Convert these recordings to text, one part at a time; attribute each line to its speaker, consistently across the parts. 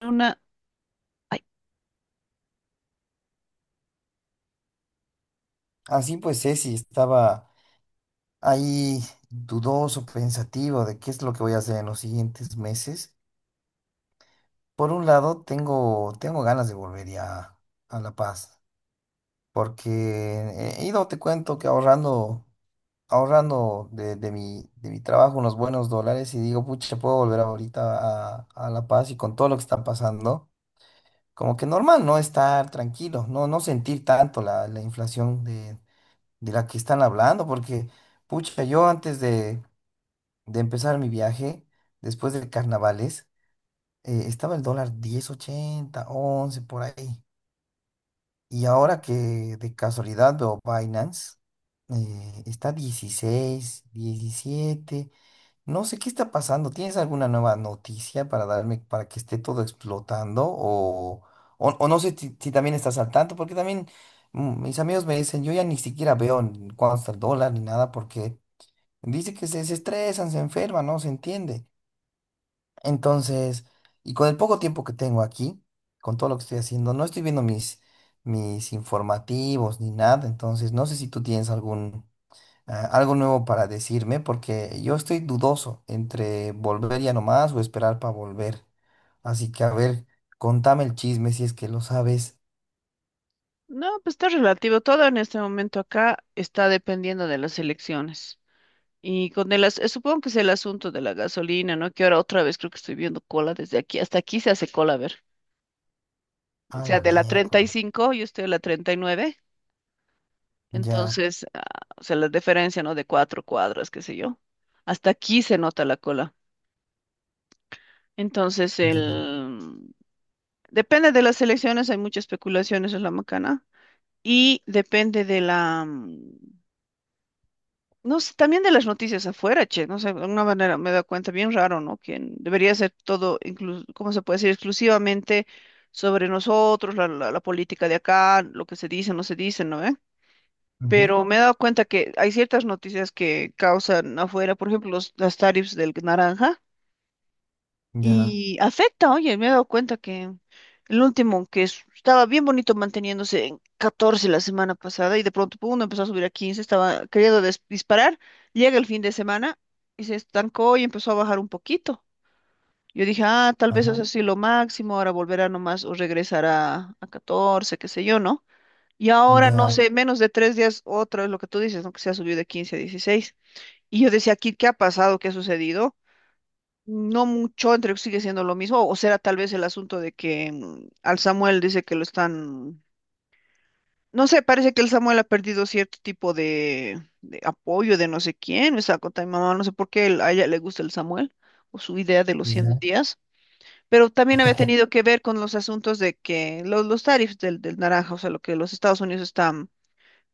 Speaker 1: una... Ay,
Speaker 2: Así pues, Ceci estaba ahí dudoso, pensativo de qué es lo que voy a hacer en los siguientes meses. Por un lado, tengo ganas de volver ya a La Paz, porque he ido, te cuento, que ahorrando de mi trabajo unos buenos dólares y digo, pucha, puedo volver ahorita a La Paz y con todo lo que está pasando, como que normal, ¿no? Estar tranquilo, no sentir tanto la inflación de la que están hablando, porque... Pucha, yo antes de empezar mi viaje, después de carnavales, estaba el dólar diez 80 11 por ahí. Y ahora que de casualidad veo Binance, está 16 17. No sé qué está pasando. ¿Tienes alguna nueva noticia para darme para que esté todo explotando? O no sé si también estás al tanto, porque también mis amigos me dicen, yo ya ni siquiera veo en cuánto está el dólar ni nada, porque dice que se estresan, se enferman, no se entiende. Entonces, y con el poco tiempo que tengo aquí, con todo lo que estoy haciendo, no estoy viendo mis informativos ni nada, entonces no sé si tú tienes algo nuevo para decirme, porque yo estoy dudoso entre volver ya nomás o esperar para volver. Así que, a ver, contame el chisme si es que lo sabes.
Speaker 1: no, pues está relativo. Todo en este momento acá está dependiendo de las elecciones. Y con el supongo que es el asunto de la gasolina, ¿no? Que ahora otra vez creo que estoy viendo cola desde aquí. Hasta aquí se hace cola, a ver. O
Speaker 2: A
Speaker 1: sea,
Speaker 2: la
Speaker 1: de la treinta y
Speaker 2: miércoles.
Speaker 1: cinco yo estoy a la 39.
Speaker 2: Ya,
Speaker 1: Entonces, ah, o sea, la diferencia, ¿no? De cuatro cuadras, qué sé yo. Hasta aquí se nota la cola. Entonces,
Speaker 2: ya,
Speaker 1: el... depende de las elecciones, hay muchas especulaciones en la macana. Y depende de la no sé, también de las noticias afuera, che, no sé, de alguna manera me da cuenta, bien raro, ¿no? Que debería ser todo, incluso, ¿cómo se puede decir? Exclusivamente sobre nosotros, la política de acá, lo que se dice, no se dice, ¿no? ¿Eh?
Speaker 2: ujú,
Speaker 1: Pero me he dado cuenta que hay ciertas noticias que causan afuera, por ejemplo, las tarifas del naranja.
Speaker 2: ya,
Speaker 1: Y afecta, oye, me he dado cuenta que el último, estaba bien bonito manteniéndose en 14 la semana pasada y de pronto pum, empezó a subir a 15, estaba queriendo disparar, llega el fin de semana y se estancó y empezó a bajar un poquito. Yo dije, ah, tal vez es
Speaker 2: ah,
Speaker 1: así lo máximo, ahora volverá nomás o regresará a 14, qué sé yo, ¿no? Y ahora, no
Speaker 2: ya,
Speaker 1: sé, menos de 3 días, otra vez lo que tú dices, ¿no? Que se ha subido de 15 a 16. Y yo decía, aquí, ¿qué ha pasado? ¿Qué ha sucedido? No mucho, entre que sigue siendo lo mismo, o será tal vez el asunto de que al Samuel dice que lo están, no sé, parece que el Samuel ha perdido cierto tipo de apoyo de no sé quién, esa cosa mi mamá, no sé por qué a ella le gusta el Samuel o su idea de los 100
Speaker 2: ya,
Speaker 1: días, pero también había tenido que ver con los asuntos de que los tarifs del naranja, o sea, lo que los Estados Unidos están,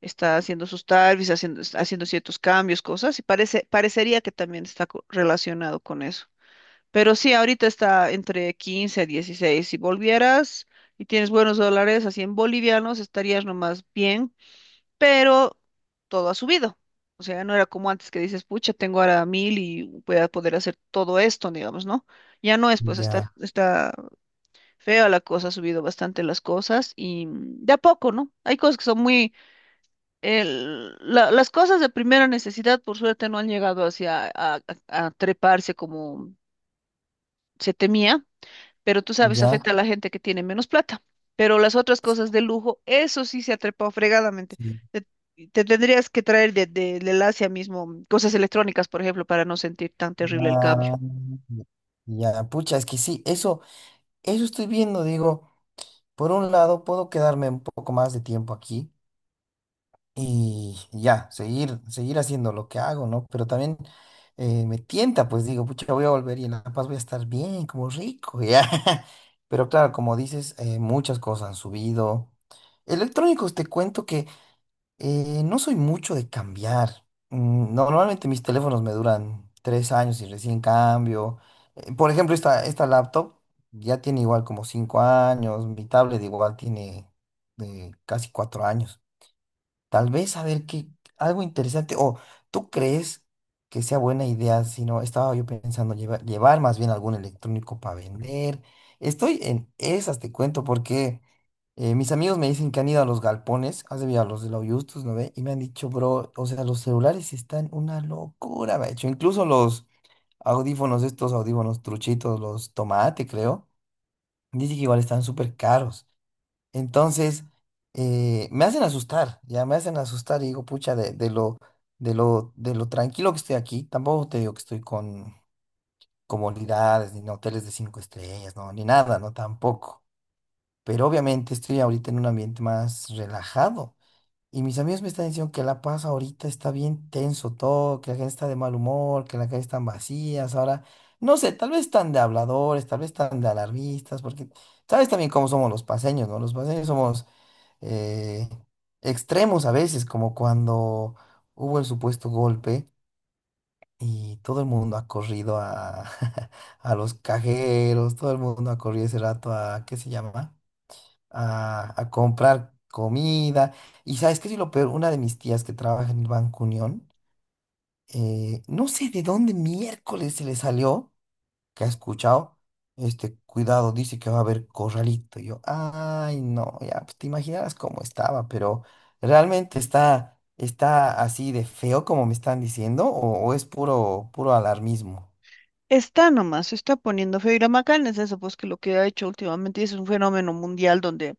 Speaker 1: está haciendo sus tarifs, haciendo ciertos cambios, cosas, y parecería que también está relacionado con eso. Pero sí, ahorita está entre 15 a 16. Si volvieras y tienes buenos dólares, así en bolivianos, estarías nomás bien, pero todo ha subido. O sea, no era como antes que dices, pucha, tengo ahora mil y voy a poder hacer todo esto, digamos, ¿no? Ya no es, pues está,
Speaker 2: ya,
Speaker 1: ya. Está fea la cosa, ha subido bastante las cosas y de a poco, ¿no? Hay cosas que son muy... las cosas de primera necesidad, por suerte, no han llegado hacia a treparse como se temía, pero tú sabes,
Speaker 2: ya.
Speaker 1: afecta a la gente que tiene menos plata. Pero las otras cosas de lujo, eso sí se ha trepado fregadamente.
Speaker 2: Sí.
Speaker 1: Te, Te tendrías que traer del Asia mismo, cosas electrónicas, por ejemplo, para no sentir tan terrible el cambio.
Speaker 2: Ah, ya, pucha, es que sí, eso estoy viendo, digo, por un lado puedo quedarme un poco más de tiempo aquí y ya, seguir haciendo lo que hago, ¿no? Pero también me tienta, pues digo, pucha, voy a volver y en La Paz voy a estar bien, como rico, ya. Pero claro, como dices, muchas cosas han subido. Electrónicos, te cuento, no soy mucho de cambiar. No, normalmente mis teléfonos me duran 3 años y recién cambio. Por ejemplo, esta laptop ya tiene igual como 5 años. Mi tablet igual tiene, casi 4 años. Tal vez a ver qué, algo interesante. O ¿tú crees que sea buena idea? Si no, estaba yo pensando llevar más bien algún electrónico para vender. Estoy en esas, te cuento, porque mis amigos me dicen que han ido a los galpones, has debido a los de la Justus, ¿no ve? Y me han dicho, bro, o sea, los celulares están una locura, me ha hecho. Incluso los audífonos, estos audífonos truchitos, los tomate, creo. Dicen que igual están súper caros. Entonces, me hacen asustar, ya me hacen asustar y digo, pucha, de lo tranquilo que estoy aquí, tampoco te digo que estoy con comodidades, ni en hoteles de cinco estrellas, no, ni nada, no, tampoco. Pero obviamente estoy ahorita en un ambiente más relajado. Y mis amigos me están diciendo que La Paz ahorita está bien tenso todo, que la gente está de mal humor, que las calles están vacías. Ahora, no sé, tal vez están de habladores, tal vez están de alarmistas, porque sabes también cómo somos los paseños, ¿no? Los paseños somos, eh, extremos a veces, como cuando hubo el supuesto golpe y todo el mundo ha corrido a, a los cajeros, todo el mundo ha corrido ese rato a, ¿qué se llama? A comprar comida. Y sabes qué es lo peor, una de mis tías que trabaja en el Banco Unión, no sé de dónde miércoles se le salió que ha escuchado, este, cuidado, dice que va a haber corralito. Y yo, ay, no, ya, pues te imaginas cómo estaba, pero ¿realmente está así de feo como me están diciendo o es puro, puro alarmismo?
Speaker 1: Está nomás, se está poniendo feo. Y la macana es eso, pues que lo que ha hecho últimamente es un fenómeno mundial donde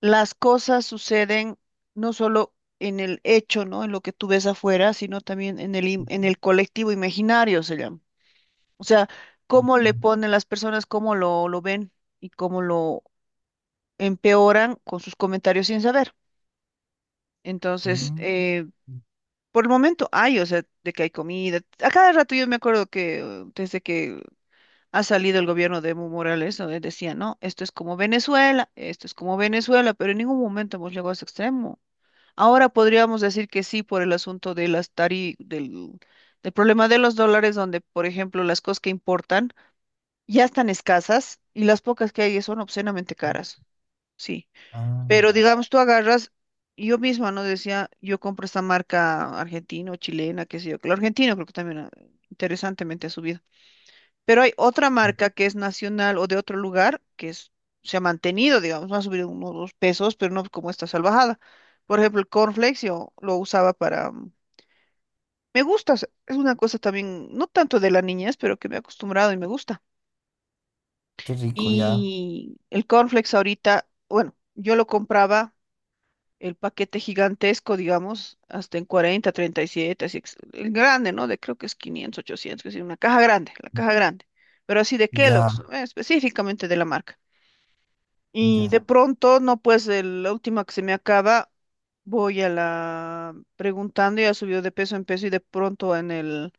Speaker 1: las cosas suceden no solo en el hecho, ¿no? En lo que tú ves afuera, sino también en en el colectivo imaginario, se llama. O sea, cómo le ponen las personas, cómo lo ven y cómo lo empeoran con sus comentarios sin saber. Entonces,
Speaker 2: Mm,
Speaker 1: por el momento hay, o sea, de que hay comida. A cada rato yo me acuerdo que desde que ha salido el gobierno de Evo Morales, donde decía, no, esto es como Venezuela, esto es como Venezuela, pero en ningún momento hemos llegado a ese extremo. Ahora podríamos decir que sí por el asunto de las del problema de los dólares, donde, por ejemplo, las cosas que importan ya están escasas y las pocas que hay son obscenamente caras, sí.
Speaker 2: ah,
Speaker 1: Pero
Speaker 2: ya,
Speaker 1: digamos, tú agarras, yo misma, ¿no? Decía, yo compro esta marca argentina o chilena, qué sé yo, que lo argentino creo que también, ah, interesantemente ha subido. Pero hay otra
Speaker 2: mm,
Speaker 1: marca que es nacional o de otro lugar se ha mantenido, digamos, no ha subido unos 2 pesos, pero no como esta salvajada. Por ejemplo, el cornflakes yo lo usaba para... me gusta, o sea, es una cosa también, no tanto de la niñez, pero que me he acostumbrado y me gusta.
Speaker 2: qué rico, ya,
Speaker 1: Y el cornflakes ahorita, bueno, yo lo compraba el paquete gigantesco, digamos, hasta en cuarenta treinta y siete así, el grande, ¿no? De creo que es 500 800 que es una caja grande, la caja grande, pero así de
Speaker 2: ya,
Speaker 1: Kellogg's, específicamente de la marca. Y de
Speaker 2: ya.
Speaker 1: pronto, no, pues la última que se me acaba, voy a la preguntando, ya subió de peso en peso y de pronto en el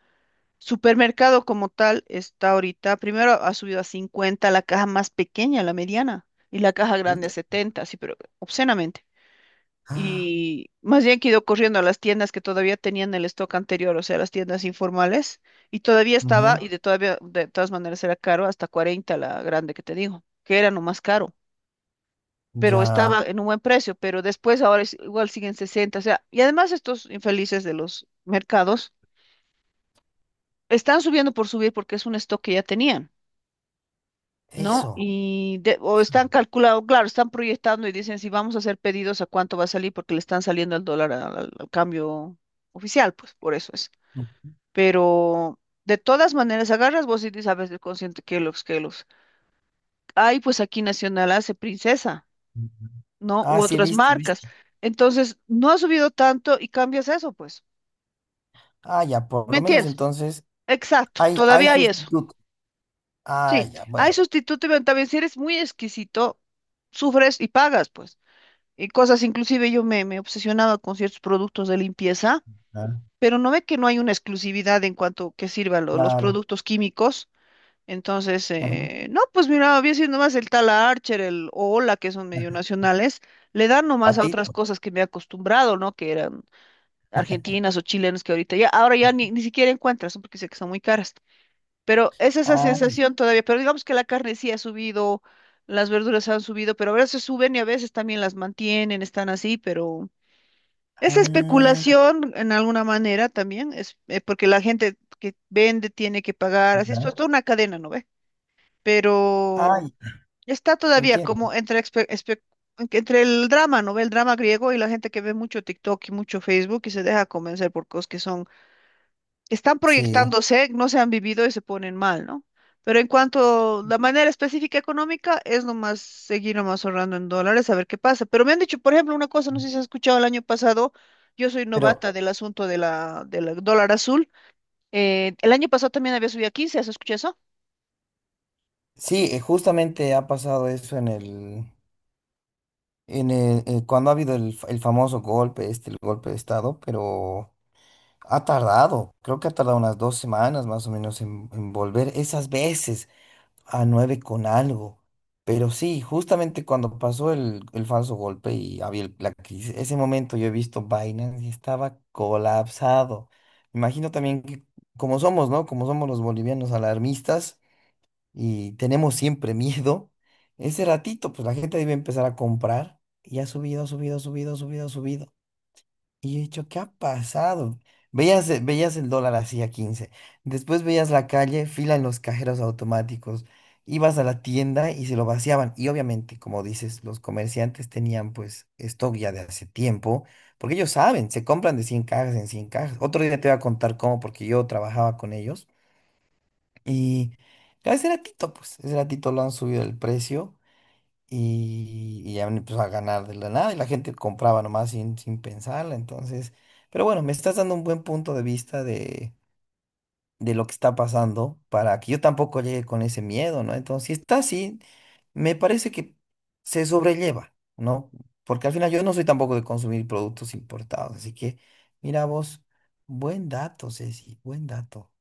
Speaker 1: supermercado como tal está ahorita, primero ha subido a 50 la caja más pequeña, la mediana, y la caja
Speaker 2: Ut,
Speaker 1: grande a 70, sí, pero obscenamente.
Speaker 2: ah,
Speaker 1: Y más bien que he ido corriendo a las tiendas que todavía tenían el stock anterior, o sea, las tiendas informales, y todavía estaba,
Speaker 2: ujú,
Speaker 1: y de todavía, de todas maneras era caro, hasta 40 la grande que te digo, que era no más caro, pero
Speaker 2: ya,
Speaker 1: estaba en un buen precio, pero después ahora igual siguen 60, o sea, y además estos infelices de los mercados están subiendo por subir porque es un stock que ya tenían. ¿No?
Speaker 2: eso.
Speaker 1: Y o están
Speaker 2: Eso.
Speaker 1: calculando, claro, están proyectando y dicen si vamos a hacer pedidos a cuánto va a salir porque le están saliendo el dólar al cambio oficial, pues por eso es.
Speaker 2: Mm,
Speaker 1: Pero de todas maneras, agarras vos y dices, a veces consciente que los hay, pues aquí Nacional hace Princesa,
Speaker 2: mm, mm.
Speaker 1: ¿no?
Speaker 2: Ah,
Speaker 1: U
Speaker 2: sí, he
Speaker 1: otras, correcto,
Speaker 2: visto, he visto.
Speaker 1: marcas. Entonces, no ha subido tanto y cambias eso, pues.
Speaker 2: Ah, ya, por
Speaker 1: ¿Me
Speaker 2: lo menos
Speaker 1: entiendes?
Speaker 2: entonces
Speaker 1: Exacto,
Speaker 2: hay
Speaker 1: todavía hay eso.
Speaker 2: sustitutos. Ah,
Speaker 1: Sí,
Speaker 2: ya,
Speaker 1: hay
Speaker 2: bueno.
Speaker 1: sustituto, pero también si eres muy exquisito, sufres y pagas, pues. Y cosas, inclusive yo me obsesionaba con ciertos productos de limpieza,
Speaker 2: Ah,
Speaker 1: pero no ve que no hay una exclusividad en cuanto que sirvan los
Speaker 2: claro.
Speaker 1: productos químicos. Entonces,
Speaker 2: Ajá.
Speaker 1: no, pues mira, había sido nomás el tal Archer, el Ola, que son medio nacionales, le dan nomás a otras
Speaker 2: Patito.
Speaker 1: cosas que me he acostumbrado, ¿no? Que eran argentinas o chilenas que ahorita ya, ahora ya ni, ni siquiera encuentras, ¿no? Porque sé que son muy caras. Pero es esa
Speaker 2: Ah,
Speaker 1: sensación todavía, pero digamos que la carne sí ha subido, las verduras han subido, pero a veces suben y a veces también las mantienen, están así, pero es
Speaker 2: ah,
Speaker 1: especulación en alguna manera también, es porque la gente que vende tiene que pagar, así es
Speaker 2: ya.
Speaker 1: pues, toda una cadena, ¿no ve?
Speaker 2: Ah,
Speaker 1: Pero
Speaker 2: ya,
Speaker 1: está todavía como
Speaker 2: entiendo.
Speaker 1: entre el drama, ¿no ve? El drama griego y la gente que ve mucho TikTok y mucho Facebook y se deja convencer por cosas que son están
Speaker 2: Sí,
Speaker 1: proyectándose, no se han vivido y se ponen mal, ¿no? Pero en cuanto a la manera específica económica, es nomás seguir nomás ahorrando en dólares a ver qué pasa. Pero me han dicho, por ejemplo, una cosa, no sé si has escuchado el año pasado, yo soy
Speaker 2: pero
Speaker 1: novata del asunto del dólar azul. Eh, el año pasado también había subido a 15. ¿Has escuchado eso?
Speaker 2: sí, justamente ha pasado eso cuando ha habido el famoso golpe, este, el golpe de Estado, pero creo que ha tardado unas 2 semanas más o menos en, volver esas veces. A 9 con algo. Pero sí, justamente cuando pasó el falso golpe y había la crisis, ese momento yo he visto Binance y estaba colapsado. Imagino también que como somos, ¿no? Como somos los bolivianos alarmistas y tenemos siempre miedo, ese ratito pues la gente debe empezar a comprar y ha subido, ha subido, ha subido, ha subido, ha subido. Y he dicho, ¿qué ha pasado? Veías el dólar así a 15. Después veías la calle, fila en los cajeros automáticos. Ibas a la tienda y se lo vaciaban. Y obviamente, como dices, los comerciantes tenían pues stock ya de hace tiempo, porque ellos saben, se compran de 100 cajas en 100 cajas. Otro día te voy a contar cómo, porque yo trabajaba con ellos. Y claro, ese ratito lo han subido el precio y ya me empezó a ganar de la nada y la gente compraba nomás sin, pensarla. Entonces, pero bueno, me estás dando un buen punto de vista de lo que está pasando para que yo tampoco llegue con ese miedo, ¿no? Entonces, si está así, me parece que se sobrelleva, ¿no? Porque al final yo no soy tampoco de consumir productos importados. Así que, mira vos, buen dato, Ceci, buen dato.